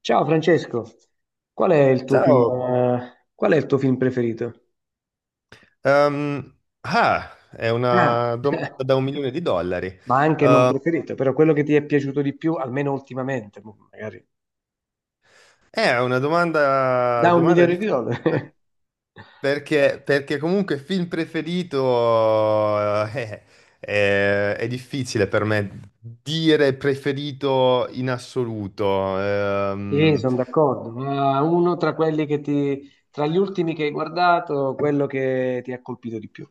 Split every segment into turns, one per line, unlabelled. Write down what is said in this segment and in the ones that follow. Ciao Francesco,
Ciao.
qual è il tuo film preferito?
Ehm, ah, è
Ah,
una domanda da un milione di dollari.
ma anche non
Eh,
preferito, però quello che ti è piaciuto di più, almeno ultimamente, magari.
è una domanda,
Da un
domanda
milione di
difficile
dollari.
perché comunque film preferito è difficile per me dire preferito in assoluto.
Sì,
Ehm,
sono d'accordo, ma uno tra quelli tra gli ultimi che hai guardato, quello che ti ha colpito di più.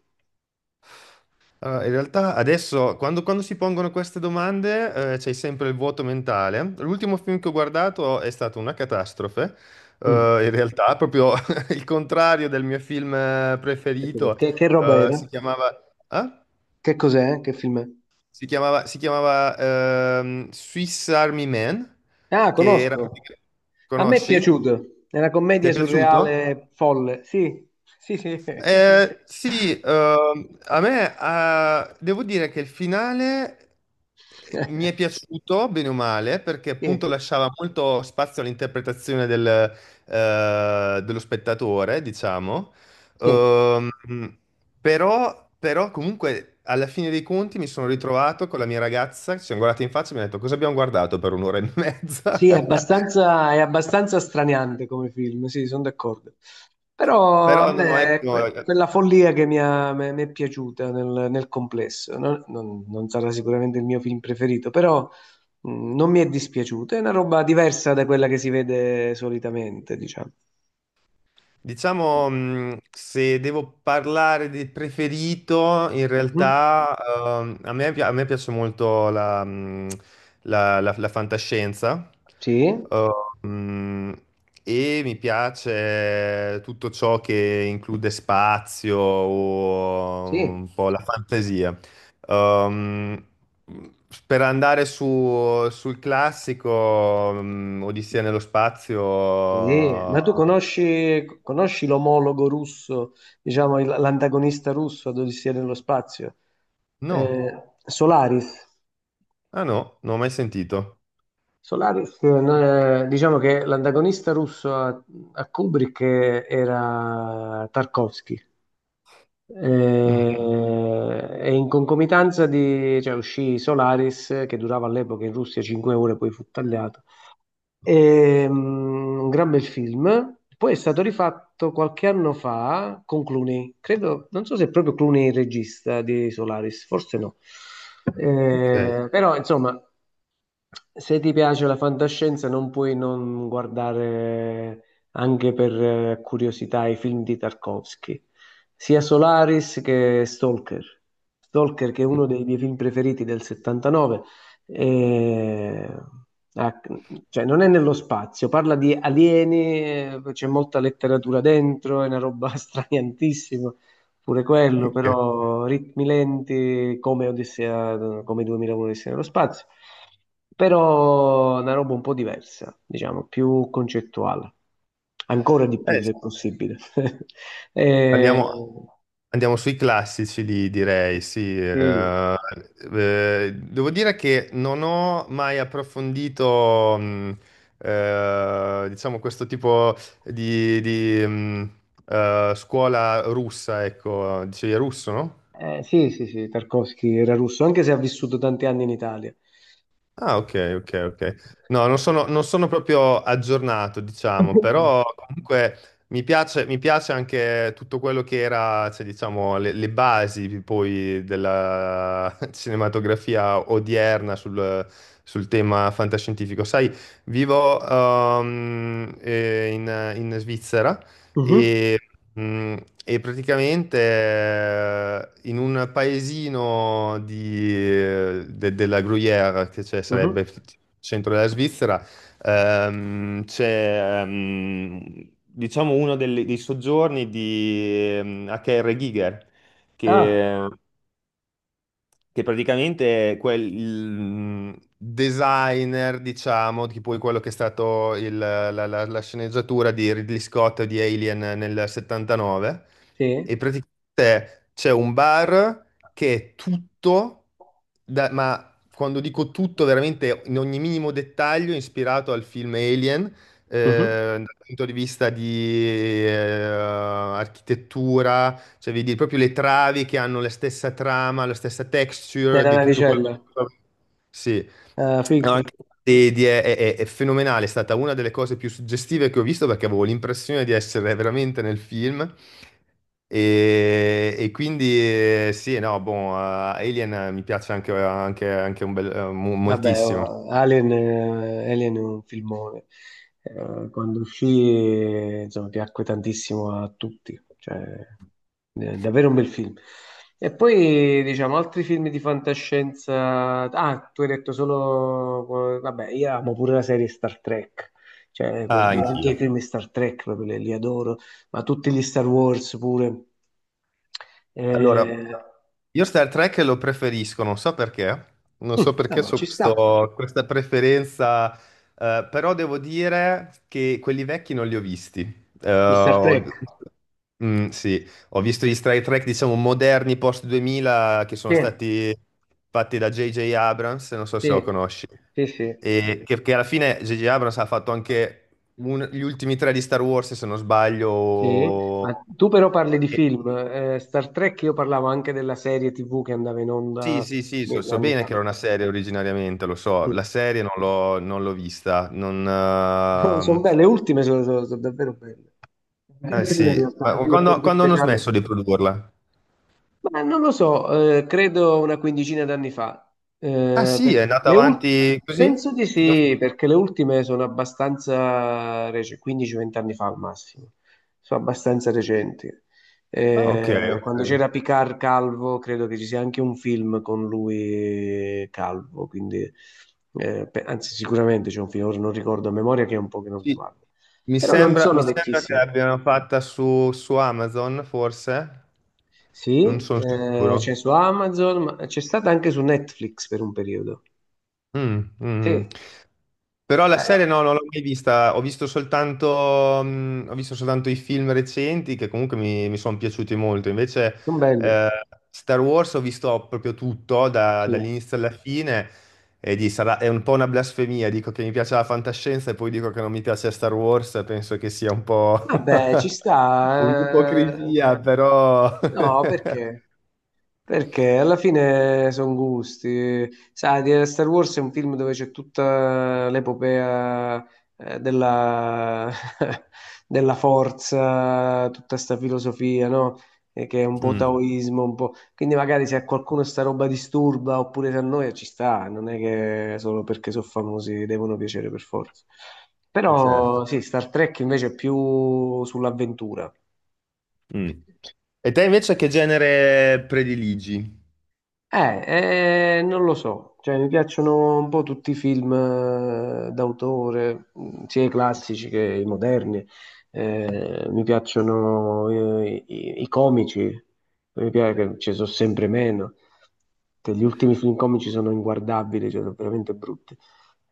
Allora, in realtà adesso, quando si pongono queste domande, c'è sempre il vuoto mentale. L'ultimo film che ho guardato è stato una catastrofe. Eh,
Mm.
in realtà, proprio il contrario del mio film preferito.
Che roba
eh,
era?
si chiamava, Ah?
Che cos'è? Che film è?
Si chiamava Swiss Army Man,
Ah,
che era...
conosco.
pratica-
A me è
Conosci?
piaciuto. È una
Ti
commedia
è piaciuto?
surreale folle. Sì, sì, sì.
Sì, a me devo dire che il finale mi è piaciuto, bene o male, perché
Sì,
appunto lasciava molto spazio all'interpretazione dello spettatore, diciamo.
sì.
Ehm, però comunque alla fine dei conti mi sono ritrovato con la mia ragazza, ci siamo guardati in faccia e mi ha detto cosa abbiamo guardato per un'ora e mezza.
Sì, è abbastanza, è abbastanza straniante come film, sì, sono d'accordo. Però
Però
a
no,
me è
ecco.
quella follia che mi è piaciuta nel complesso. Non sarà sicuramente il mio film preferito, però non mi è dispiaciuto. È una roba diversa da quella che si vede solitamente, diciamo.
Diciamo, se devo parlare del preferito, in
Mhm.
realtà a me piace molto la fantascienza
Sì,
eh, mh, e mi piace tutto ciò che include spazio o
sì,
un po' la fantasia. Ehm, per andare sul classico, Odissea nello spazio.
sì. Ma tu conosci l'omologo russo, diciamo l'antagonista russo ad Odissea nello spazio?
No.
Solaris.
Ah no, non ho mai sentito.
Solaris, no, diciamo che l'antagonista russo a Kubrick era Tarkovsky.
Mm.
E in concomitanza di, cioè, uscì Solaris, che durava all'epoca in Russia 5 ore, poi fu tagliato. Un gran bel film. Poi è stato rifatto qualche anno fa con Clooney. Credo, non so se è proprio Clooney il regista di Solaris, forse no.
Ok,
Però, insomma, se ti piace la fantascienza, non puoi non guardare anche per curiosità i film di Tarkovsky, sia Solaris che Stalker. Stalker, che è uno dei miei film preferiti del 79, eh, ah, cioè, non è nello spazio, parla di alieni, c'è molta letteratura dentro, è una roba straniantissima, pure quello,
ok.
però ritmi lenti come Odissea, come 2001 Odissea nello spazio, però una roba un po' diversa, diciamo, più concettuale, ancora di più
Sì,
se possibile. Eh,
andiamo, andiamo sui classici, li direi, sì.
sì.
Devo dire che non ho mai approfondito, diciamo, questo tipo di scuola russa, ecco, dicevi russo, no?
Sì, sì, sì, Tarkovsky era russo, anche se ha vissuto tanti anni in Italia.
Ah, ok, ok, ok. No, non sono proprio aggiornato, diciamo, però comunque mi piace anche tutto quello che era, cioè, diciamo, le basi poi della cinematografia odierna sul tema fantascientifico. Sai, vivo in Svizzera
Mhm,
e, mh, e praticamente in un paesino della Gruyère, che sarebbe
mhm.
il centro della Svizzera. C'è diciamo uno dei soggiorni di H.R. Giger,
Ah,
che praticamente è Designer, diciamo, tipo quello che è stato la sceneggiatura di Ridley Scott di Alien nel 79. E
sì,
praticamente c'è un bar che è tutto, ma quando dico tutto, veramente in ogni minimo dettaglio, ispirato al film Alien,
mhm.
dal punto di vista di architettura, cioè, vedi proprio le travi che hanno la stessa trama, la stessa texture
Nella
di tutto quello che...
navicella.
Sì.
Ah,
No,
figo.
anche è fenomenale, è stata una delle cose più suggestive che ho visto perché avevo l'impressione di essere veramente nel film. E quindi sì, no, boh. Alien mi piace anche un bel,
Vabbè,
moltissimo.
oh, Alien, Alien è un filmone. Quando uscì, insomma, piacque tantissimo a tutti. Cioè, davvero un bel film. E poi, diciamo, altri film di fantascienza. Ah, tu hai detto solo. Vabbè, io amo pure la serie Star Trek. Cioè, per
Ah,
dire, anche
anch'io.
i film di Star Trek proprio li adoro, ma tutti gli Star Wars pure.
Allora,
Eh,
io Star Trek lo preferisco, non so perché, non so
mm,
perché
vabbè,
ho
ci sta.
questa preferenza, però devo dire che quelli vecchi non li ho visti. Eh,
Gli Star
ho
Trek.
visto- Mm, sì, ho visto gli Star Trek, diciamo, moderni post 2000 che sono
Sì.
stati fatti da J.J. Abrams, non so se
Sì,
lo conosci,
sì, sì,
e che alla fine J.J. Abrams ha fatto anche gli ultimi tre di Star Wars, se non
sì.
sbaglio.
Ma tu però parli di film. Star Trek io parlavo anche della serie TV che andava in
Sì,
onda
sì, sì, so,
mille
so
anni
bene
fa.
che era una serie originariamente, lo so, la
Sì.
serie non l'ho vista, non.
Sono belle, le ultime sono davvero belle. Anche
Eh
le prime in
sì,
realtà,
ma
però
quando,
l'effetto
quando hanno
speciale.
smesso di produrla?
Ma non lo so, credo una quindicina d'anni fa.
Ah
Eh,
sì,
per-
è andata
le ul-
avanti così?
penso di
Fino a-
sì, perché le ultime sono abbastanza recenti, 15-20 anni fa al massimo, sono abbastanza recenti.
Ah, ok,
Quando
ok.
c'era Picard Calvo, credo che ci sia anche un film con lui Calvo, quindi, anzi sicuramente c'è un film, ora non ricordo a memoria che è un po' che non li
Sì.
guardo,
Mi
però non
sembra,
sono
mi sembra che
vecchissimi.
l'abbiano fatta su Amazon, forse, non
Sì,
sono
c'è
sicuro.
su Amazon, ma c'è stata anche su Netflix per un periodo.
Mm, mm.
Sì,
Mm. Però la serie no,
beh,
non l'ho mai vista, ho visto soltanto i film recenti che comunque mi sono piaciuti molto. Invece
sono belle.
eh, Star Wars ho visto proprio tutto,
Sì.
dall'inizio alla fine, e è un po' una blasfemia, dico che mi piace la fantascienza e poi dico che non mi piace Star Wars, penso che sia un po'
Vabbè, ci sta.
un'ipocrisia, però.
No, perché? Perché alla fine sono gusti. Sai, Star Wars è un film dove c'è tutta l'epopea della, della forza, tutta sta filosofia, no? E che è un po'
Mm,
taoismo, un po'. Quindi magari se a qualcuno sta roba disturba oppure se a noi ci sta, non è che solo perché sono famosi devono piacere per forza.
è certo.
Però sì, Star Trek invece è più sull'avventura.
Mm. E te invece che genere prediligi?
Non lo so, cioè, mi piacciono un po' tutti i film d'autore, sia i classici che i moderni. Mi piacciono i comici, mi piace che ci sono sempre meno, che gli ultimi film comici sono inguardabili, cioè, sono veramente brutti.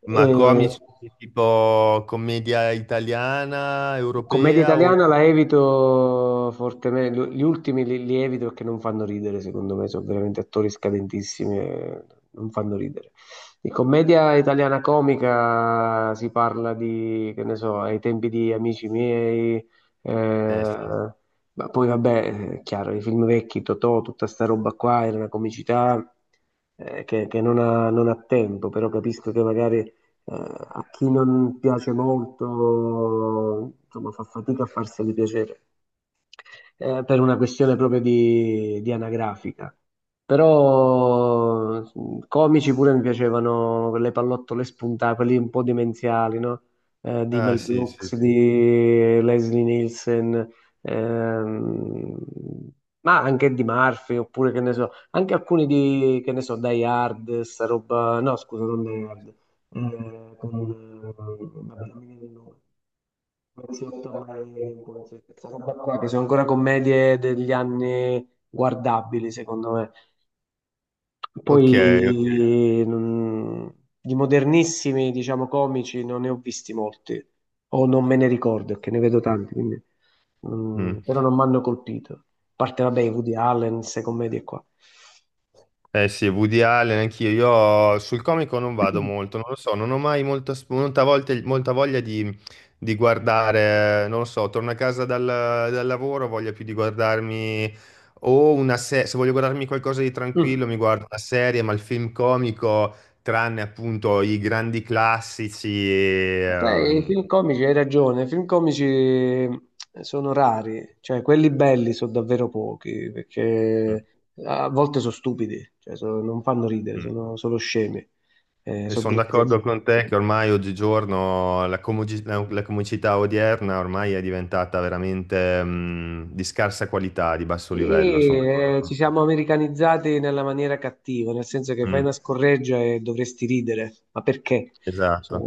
Ma
Eh,
comici tipo commedia italiana,
Commedia
europea o...
italiana la evito fortemente, gli ultimi li evito perché non fanno ridere, secondo me, sono veramente attori scadentissimi, e non fanno ridere. Di commedia italiana comica si parla di, che ne so, ai tempi di Amici miei,
Eh sì.
eh, ma poi vabbè, è chiaro, i film vecchi, Totò, tutta sta roba qua, era una comicità che non ha tempo, però capisco che magari eh, a chi non piace molto, insomma, fa fatica a farseli piacere per una questione proprio di, anagrafica. Però comici pure mi piacevano quelle pallottole spuntate, quelli un po' demenziali, no? Di
Ah
Mel
sì, sì,
Brooks,
sì.
di Leslie Nielsen, ehm, ma anche di Murphy, oppure che ne so, anche alcuni di, che ne so, Die Hard, sta roba, no scusa, non Die Hard, vabbè, non mi viene il nome. Poliziotto a Marengo, questa roba qua, che sono ancora commedie degli anni guardabili, secondo me.
Ok, ok.
Poi non- di modernissimi, diciamo, comici non ne ho visti molti, o non me ne ricordo, che ne vedo tanti, quindi,
Mm.
però non mi hanno colpito. A parte, vabbè, i Woody Allen, queste commedie qua.
Eh sì, Woody Allen, anch'io. Io sul comico non vado molto, non lo so, non ho mai molta, sp- molta volta- molta voglia di, guardare, non lo so, torno a casa dal lavoro, ho voglia più di guardarmi o una serie, se voglio guardarmi qualcosa di tranquillo
Mm.
mi guardo una serie, ma il film comico, tranne appunto i grandi classici.
Sai, i film comici, hai ragione, i film comici sono rari, cioè quelli belli sono davvero pochi,
Mm,
perché a volte sono stupidi, cioè, non fanno ridere,
mm.
sono solo scemi,
E
sono
sono
grotteschi.
d'accordo con te che ormai oggigiorno la comicità odierna ormai è diventata veramente di scarsa qualità, di basso
Sì,
livello, sono d'accordo
ci
con te.
siamo americanizzati nella maniera cattiva, nel senso che fai una
Mm,
scorreggia e dovresti ridere, ma perché? Cioè,
esatto.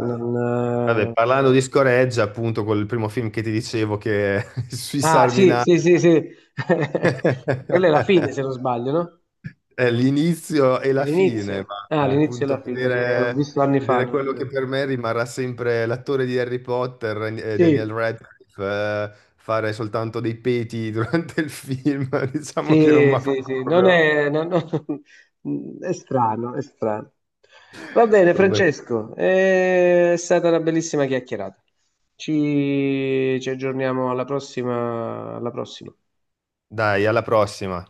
Vabbè, parlando di scoreggia, appunto, col primo film che ti dicevo che sui
ah, sì,
Sarminati
sì, sì, sì. Quella è la fine, se non sbaglio, no?
è l'inizio e la fine,
L'inizio? Ah,
ma
l'inizio e
appunto
la fine, sì, l'ho visto
vedere,
anni fa.
vedere quello che per me rimarrà sempre l'attore di Harry Potter, Daniel
Sì,
Radcliffe, fare soltanto dei peti durante il film, diciamo che non mi
sì,
ha
sì,
fatto
sì, non
proprio.
è, è strano, è strano. Va bene,
Vabbè.
Francesco, è stata una bellissima chiacchierata. Ci aggiorniamo alla prossima, alla prossima.
Dai, alla prossima.